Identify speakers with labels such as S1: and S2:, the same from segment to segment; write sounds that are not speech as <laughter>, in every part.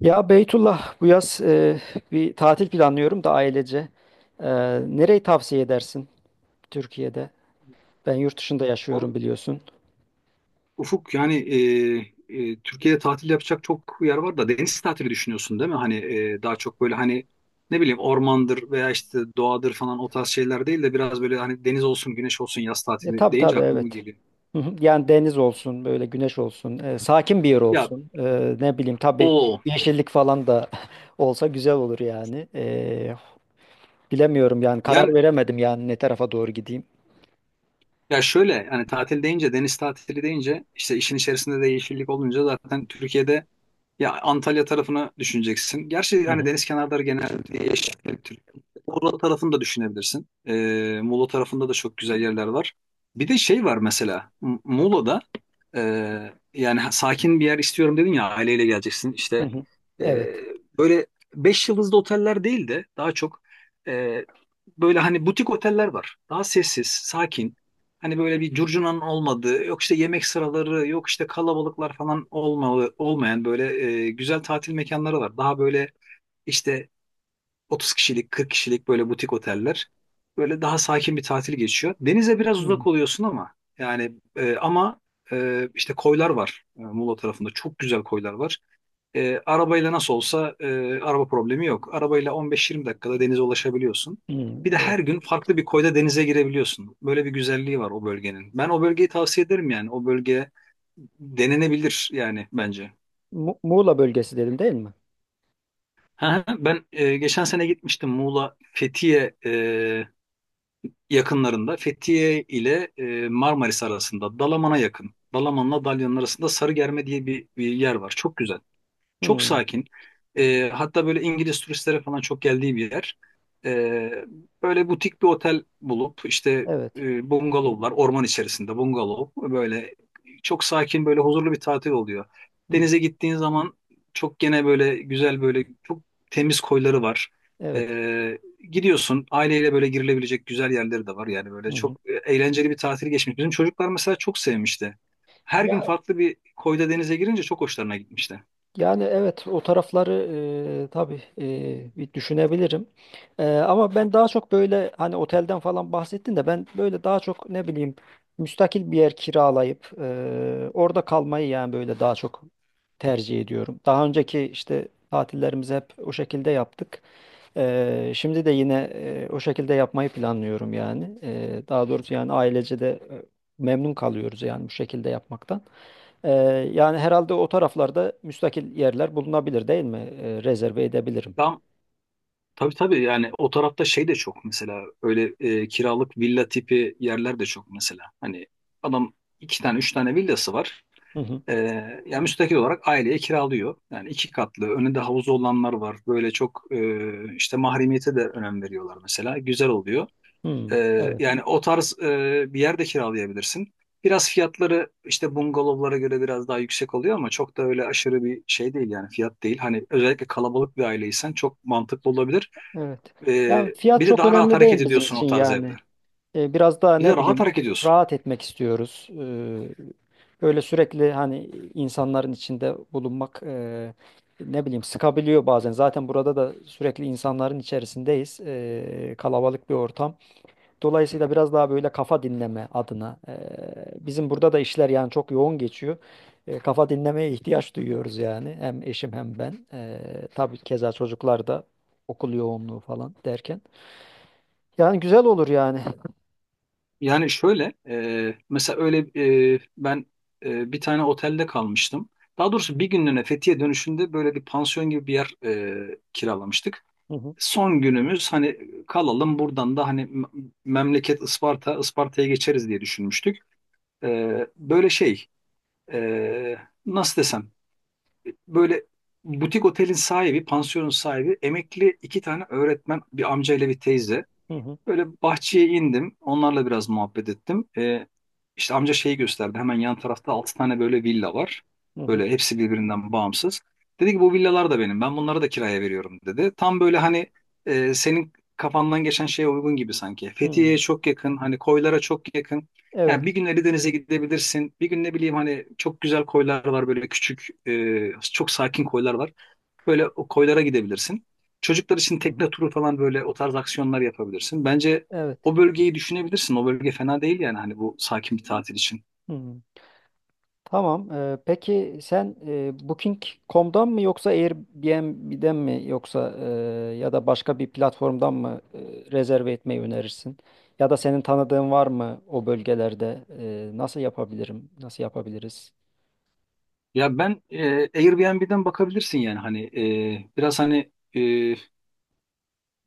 S1: Ya Beytullah, bu yaz bir tatil planlıyorum da ailece. E, Nereyi tavsiye edersin Türkiye'de? Ben yurt dışında
S2: Val-
S1: yaşıyorum biliyorsun.
S2: Ufuk yani, Türkiye'de tatil yapacak çok yer var da deniz tatili düşünüyorsun değil mi? Hani daha çok böyle hani ne bileyim ormandır veya işte doğadır falan o tarz şeyler değil de biraz böyle hani deniz olsun güneş olsun yaz
S1: Ya
S2: tatili
S1: tabii
S2: deyince
S1: tabii
S2: aklıma
S1: evet.
S2: geliyor.
S1: Hı hı. Yani deniz olsun, böyle güneş olsun, sakin bir yer
S2: Ya
S1: olsun. Ne bileyim tabii
S2: o
S1: yeşillik falan da <laughs> olsa güzel olur yani. Bilemiyorum yani karar
S2: yani
S1: veremedim yani ne tarafa doğru gideyim.
S2: ya şöyle hani tatil deyince deniz tatili deyince işte işin içerisinde de yeşillik olunca zaten Türkiye'de. Ya Antalya tarafını düşüneceksin. Gerçi
S1: Hı
S2: hani
S1: hı.
S2: deniz kenarları genelde yeşil Türkiye. Muğla tarafını da düşünebilirsin. Muğla tarafında da çok güzel yerler var. Bir de şey var mesela. Muğla'da e, yani, sakin bir yer istiyorum dedin ya aileyle geleceksin
S1: Hı
S2: işte.
S1: hı.
S2: E,
S1: Evet.
S2: Böyle beş yıldızlı oteller değil de daha çok, e, böyle hani butik oteller var. Daha sessiz, sakin. Hani böyle bir curcunanın olmadığı, yok işte yemek sıraları, yok işte kalabalıklar falan olmalı, olmayan böyle, güzel tatil mekanları var. Daha böyle işte 30 kişilik, 40 kişilik böyle butik oteller. Böyle daha sakin bir tatil geçiyor. Denize biraz
S1: Hı hı.
S2: uzak oluyorsun ama yani, ama, işte koylar var, Muğla tarafında. Çok güzel koylar var. Arabayla nasıl olsa, araba problemi yok. Arabayla 15-20 dakikada denize ulaşabiliyorsun.
S1: Hı,
S2: Bir de
S1: evet.
S2: her gün farklı bir koyda denize girebiliyorsun. Böyle bir güzelliği var o bölgenin. Ben o bölgeyi tavsiye ederim yani. O bölge denenebilir yani bence.
S1: Muğla bölgesi dedim değil mi?
S2: Ha, ben geçen sene gitmiştim Muğla Fethiye yakınlarında. Fethiye ile, Marmaris arasında Dalaman'a yakın. Dalaman'la Dalyan'ın arasında Sarıgerme diye bir yer var. Çok güzel. Çok
S1: Hı.
S2: sakin. Hatta böyle İngiliz turistlere falan çok geldiği bir yer. Ee, Böyle butik bir otel bulup işte,
S1: Evet.
S2: bungalovlar orman içerisinde bungalov böyle çok sakin böyle huzurlu bir tatil oluyor.
S1: Hı.
S2: Denize gittiğin zaman çok gene böyle güzel böyle çok temiz koyları var.
S1: Evet.
S2: Ee, Gidiyorsun aileyle böyle girilebilecek güzel yerleri de var yani
S1: Hı
S2: böyle
S1: hı.
S2: çok, eğlenceli bir tatil geçmiş. Bizim çocuklar mesela çok sevmişti. Her gün
S1: Ya,
S2: farklı bir koyda denize girince çok hoşlarına gitmişti.
S1: yani evet o tarafları tabii bir düşünebilirim. Ama ben daha çok böyle hani otelden falan bahsettin de ben böyle daha çok ne bileyim müstakil bir yer kiralayıp orada kalmayı yani böyle daha çok tercih ediyorum. Daha önceki işte tatillerimizi hep o şekilde yaptık. Şimdi de yine o şekilde yapmayı planlıyorum yani. Daha doğrusu yani ailece de memnun kalıyoruz yani bu şekilde yapmaktan. Ee, Yani herhalde o taraflarda müstakil yerler bulunabilir değil mi? Rezerve edebilirim.
S2: Daha Tabii tabii yani o tarafta şey de çok mesela, öyle, kiralık villa tipi yerler de çok mesela. Hani adam iki tane üç tane villası var.
S1: Hı hı.
S2: E, Yani müstakil olarak aileye kiralıyor. Yani iki katlı önünde havuzu olanlar var. Böyle çok, işte mahremiyete de önem veriyorlar mesela. Güzel oluyor.
S1: Hmm,
S2: E,
S1: evet,
S2: Yani o tarz, bir yer de kiralayabilirsin. Biraz fiyatları işte bungalovlara göre biraz daha yüksek oluyor ama çok da öyle aşırı bir şey değil yani fiyat değil. Hani özellikle kalabalık bir aileysen çok mantıklı olabilir.
S1: evet. Yani fiyat
S2: Bir de
S1: çok
S2: daha rahat
S1: önemli
S2: hareket
S1: değil bizim
S2: ediyorsun
S1: için
S2: o tarz evde.
S1: yani. Biraz daha
S2: Bir de
S1: ne
S2: rahat
S1: bileyim
S2: hareket ediyorsun.
S1: rahat etmek istiyoruz. Böyle sürekli hani insanların içinde bulunmak ne bileyim sıkabiliyor bazen. Zaten burada da sürekli insanların içerisindeyiz. Kalabalık bir ortam. Dolayısıyla biraz daha böyle kafa dinleme adına bizim burada da işler yani çok yoğun geçiyor. Kafa dinlemeye ihtiyaç duyuyoruz yani hem eşim hem ben. Tabii keza çocuklar da okul yoğunluğu falan derken. Yani güzel olur yani.
S2: Yani şöyle, mesela öyle, ben, bir tane otelde kalmıştım. Daha doğrusu bir günlüğüne Fethiye dönüşünde böyle bir pansiyon gibi bir yer, kiralamıştık.
S1: Hı,
S2: Son günümüz hani kalalım buradan da hani, memleket Isparta, Isparta'ya geçeriz diye düşünmüştük. Böyle şey, e, nasıl desem böyle butik otelin sahibi, pansiyonun sahibi, emekli iki tane öğretmen, bir amca ile bir teyze.
S1: hı hı,
S2: Böyle bahçeye indim. Onlarla biraz muhabbet ettim. İşte amca şeyi gösterdi. Hemen yan tarafta 6 tane böyle villa var.
S1: hı hı,
S2: Böyle hepsi birbirinden bağımsız. Dedi ki bu villalar da benim. Ben bunları da kiraya veriyorum dedi. Tam böyle hani, senin kafandan geçen şeye uygun gibi sanki.
S1: hı
S2: Fethiye'ye
S1: hı.
S2: çok yakın. Hani koylara çok yakın. Yani bir
S1: Evet.
S2: gün Elideniz'e gidebilirsin. Bir gün ne bileyim hani çok güzel koylar var böyle küçük, çok sakin koylar var. Böyle o koylara gidebilirsin. Çocuklar için
S1: Hı hı,
S2: tekne turu falan böyle o tarz aksiyonlar yapabilirsin. Bence
S1: evet.
S2: o bölgeyi düşünebilirsin. O bölge fena değil yani hani bu sakin bir tatil için.
S1: Hı hı. Tamam. Peki sen Booking.com'dan mı yoksa Airbnb'den mi yoksa ya da başka bir platformdan mı rezerve etmeyi önerirsin? Ya da senin tanıdığın var mı o bölgelerde? Nasıl yapabilirim? Nasıl yapabiliriz?
S2: Ya ben e, Airbnb'den bakabilirsin yani hani, biraz hani,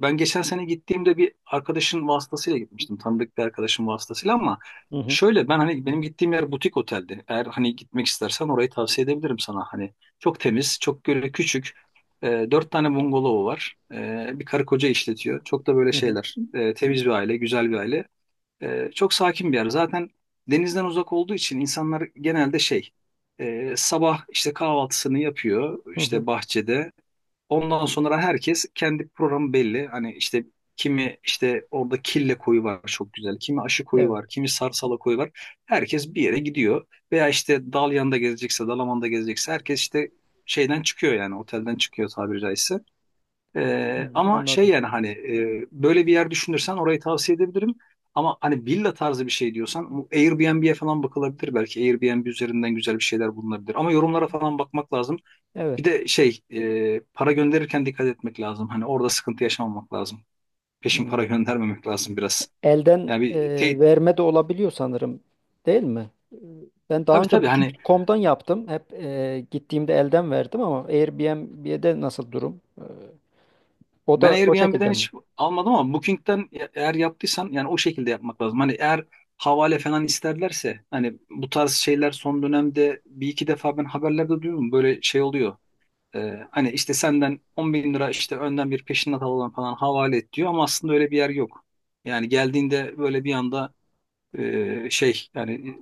S2: ben geçen sene gittiğimde bir arkadaşın vasıtasıyla gitmiştim. Tanıdık bir arkadaşın vasıtasıyla ama
S1: Hı hı.
S2: şöyle ben hani benim gittiğim yer butik oteldi. Eğer hani gitmek istersen orayı tavsiye edebilirim sana. Hani çok temiz, çok böyle küçük. Dört tane bungalovu var. Bir karı koca işletiyor. Çok da böyle
S1: Hı hı.
S2: şeyler. Temiz bir aile, güzel bir aile. Çok sakin bir yer. Zaten denizden uzak olduğu için insanlar genelde şey, sabah işte kahvaltısını yapıyor,
S1: Hı hı.
S2: işte bahçede. Ondan sonra herkes kendi programı belli. Hani işte kimi işte orada kille koyu var çok güzel. Kimi aşı koyu
S1: Evet.
S2: var. Kimi sarsala koyu var. Herkes bir yere gidiyor. Veya işte Dalyan'da gezecekse, Dalaman'da gezecekse herkes işte şeyden çıkıyor yani otelden çıkıyor tabiri caizse.
S1: Hı hı,
S2: Ama şey
S1: anladım.
S2: yani hani, böyle bir yer düşünürsen orayı tavsiye edebilirim. Ama hani villa tarzı bir şey diyorsan bu Airbnb'ye falan bakılabilir belki. Airbnb üzerinden güzel bir şeyler bulunabilir. Ama yorumlara falan bakmak lazım. Bir
S1: Evet.
S2: de şey, para gönderirken dikkat etmek lazım. Hani orada sıkıntı yaşamamak lazım. Peşin para
S1: Hı.
S2: <laughs> göndermemek lazım biraz.
S1: Elden
S2: Yani
S1: verme de olabiliyor sanırım, değil mi? Ben daha
S2: tabii
S1: önce
S2: tabii hani
S1: Booking.com'dan yaptım. Hep gittiğimde elden verdim ama Airbnb'de nasıl durum? O
S2: ben
S1: da o şekilde
S2: Airbnb'den
S1: mi?
S2: hiç almadım ama Booking'den eğer yaptıysan yani o şekilde yapmak lazım. Hani eğer havale falan isterlerse hani bu tarz şeyler son dönemde bir iki defa ben haberlerde duydum böyle şey oluyor. Hani işte senden 10 bin lira işte önden bir peşinat alalım falan havale et diyor ama aslında öyle bir yer yok. Yani geldiğinde böyle bir anda, şey yani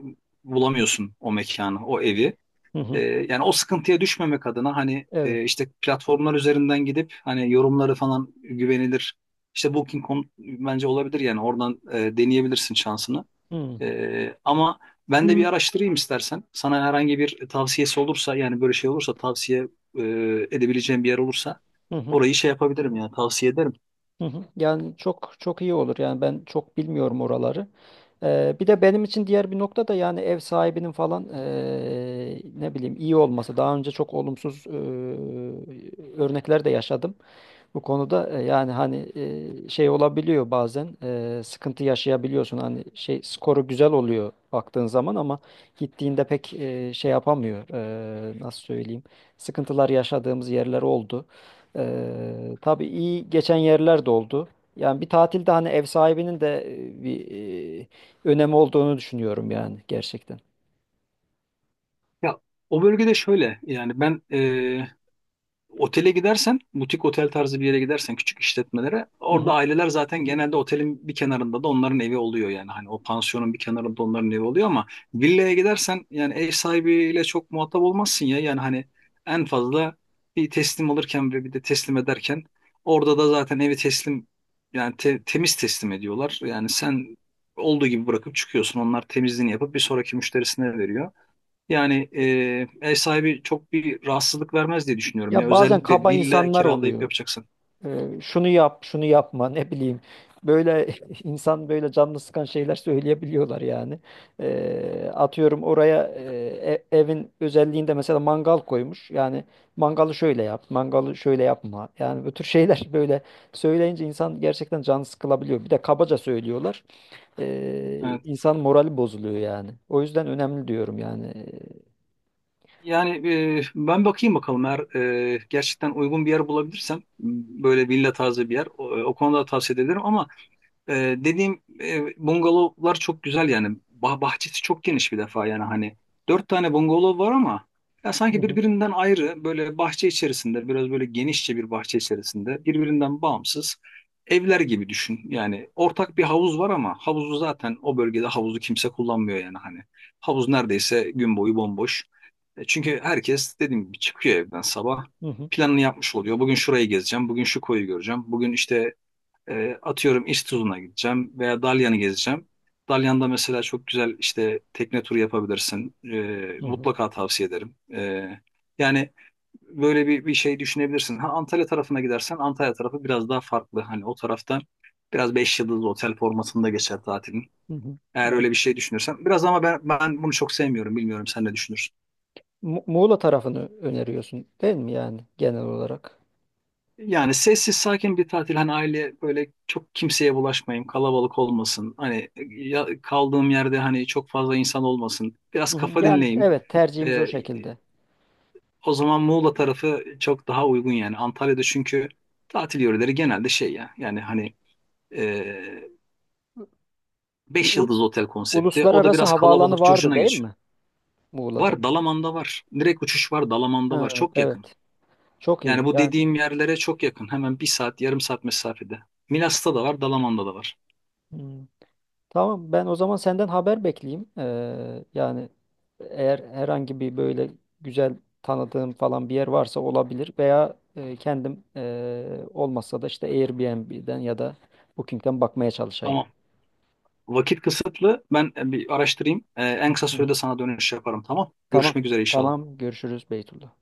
S2: bulamıyorsun o mekanı, o evi.
S1: Hı hı.
S2: Yani o sıkıntıya düşmemek adına hani,
S1: Evet.
S2: işte platformlar üzerinden gidip hani yorumları falan güvenilir. İşte Booking.com bence olabilir yani oradan, deneyebilirsin şansını.
S1: Hı hı.
S2: Ama ben de bir, araştırayım istersen. Sana herhangi bir tavsiyesi olursa yani böyle şey olursa tavsiye, e, edebileceğim bir yer olursa
S1: Hı hı.
S2: orayı şey yapabilirim yani tavsiye ederim.
S1: Hı hı. Yani çok iyi olur. Yani ben çok bilmiyorum oraları. Bir de benim için diğer bir nokta da yani ev sahibinin falan ne bileyim iyi olması. Daha önce çok olumsuz örnekler de yaşadım. Bu konuda yani hani şey olabiliyor bazen sıkıntı yaşayabiliyorsun. Hani şey skoru güzel oluyor baktığın zaman ama gittiğinde pek şey yapamıyor. Nasıl söyleyeyim? Sıkıntılar yaşadığımız yerler oldu. Tabii iyi geçen yerler de oldu. Yani bir tatilde hani ev sahibinin de e, bir e, önemi olduğunu düşünüyorum yani gerçekten.
S2: Ya o bölgede şöyle yani ben, otele gidersen, butik otel tarzı bir yere gidersen küçük işletmelere
S1: Hı
S2: orada
S1: hı.
S2: aileler zaten genelde otelin bir kenarında da onların evi oluyor yani. Hani o pansiyonun bir kenarında onların evi oluyor ama villaya gidersen yani ev sahibiyle çok muhatap olmazsın ya. Yani hani en fazla bir teslim alırken ve bir de teslim ederken orada da zaten evi teslim yani, temiz teslim ediyorlar. Yani sen olduğu gibi bırakıp çıkıyorsun. Onlar temizliğini yapıp bir sonraki müşterisine veriyor. Yani, ev sahibi çok bir rahatsızlık vermez diye düşünüyorum ya.
S1: Ya bazen
S2: Özellikle
S1: kaba
S2: villa
S1: insanlar
S2: kiralayıp
S1: oluyor.
S2: yapacaksan.
S1: Şunu yap, şunu yapma, ne bileyim. Böyle <laughs> insan böyle canını sıkan şeyler söyleyebiliyorlar yani. Atıyorum oraya evin özelliğinde mesela mangal koymuş. Yani mangalı şöyle yap, mangalı şöyle yapma. Yani bu tür şeyler <laughs> böyle söyleyince insan gerçekten canı sıkılabiliyor. Bir de kabaca söylüyorlar.
S2: Evet.
S1: İnsan morali bozuluyor yani. O yüzden önemli diyorum yani.
S2: Yani, ben bakayım bakalım eğer, gerçekten uygun bir yer bulabilirsem, böyle villa tarzı bir yer, o konuda tavsiye ederim ama. Dediğim, bungalovlar çok güzel yani. Bahçesi çok geniş bir defa yani hani. Dört tane bungalov var ama ya
S1: Hı
S2: sanki
S1: hı,
S2: birbirinden ayrı böyle bahçe içerisinde biraz böyle genişçe bir bahçe içerisinde birbirinden bağımsız evler gibi düşün. Yani ortak bir havuz var ama havuzu zaten o bölgede havuzu kimse kullanmıyor yani hani. Havuz neredeyse gün boyu bomboş. Çünkü herkes dediğim gibi çıkıyor evden sabah
S1: hı hı,
S2: planını yapmış oluyor. Bugün şurayı gezeceğim, bugün şu koyu göreceğim, bugün işte, atıyorum İztuzu'na gideceğim veya Dalyan'ı gezeceğim. Dalyan'da mesela çok güzel işte tekne turu yapabilirsin.
S1: hı hı,
S2: Mutlaka tavsiye ederim. Yani böyle bir şey düşünebilirsin. Ha, Antalya tarafına gidersen Antalya tarafı biraz daha farklı. Hani o tarafta biraz beş yıldızlı otel formatında geçer tatilin.
S1: hı hı.
S2: Eğer öyle bir şey düşünürsen. Biraz ama ben bunu çok sevmiyorum. Bilmiyorum sen ne düşünürsün?
S1: Muğla tarafını öneriyorsun değil mi yani genel olarak?
S2: Yani sessiz sakin bir tatil hani aile böyle çok kimseye bulaşmayayım kalabalık olmasın hani, ya, kaldığım yerde hani çok fazla insan olmasın biraz
S1: Hı hı.
S2: kafa
S1: Yani
S2: dinleyeyim.
S1: evet tercihimiz o
S2: Ee,
S1: şekilde.
S2: O zaman Muğla tarafı çok daha uygun yani Antalya'da çünkü tatil yöreleri genelde şey ya yani hani, e,
S1: Bir
S2: beş
S1: u-
S2: yıldız otel konsepti o da
S1: Uluslararası
S2: biraz
S1: havaalanı
S2: kalabalık
S1: vardı
S2: curcuna
S1: değil
S2: geçiyor.
S1: mi Muğla'da?
S2: Var, Dalaman'da var, direkt uçuş var, Dalaman'da var
S1: Ha,
S2: çok yakın
S1: evet. Çok
S2: yani
S1: iyi.
S2: bu
S1: Yani
S2: dediğim yerlere çok yakın, hemen bir saat yarım saat mesafede. Milas'ta da var, Dalaman'da da var.
S1: hmm, tamam, ben o zaman senden haber bekleyeyim. Yani eğer herhangi bir böyle güzel tanıdığım falan bir yer varsa olabilir veya kendim olmazsa da işte Airbnb'den ya da Booking'den bakmaya çalışayım.
S2: Tamam. Vakit kısıtlı. Ben bir araştırayım. En
S1: Hı
S2: kısa
S1: hı.
S2: sürede sana dönüş yaparım. Tamam.
S1: Tamam.
S2: Görüşmek üzere inşallah.
S1: Tamam. Görüşürüz Beytullah.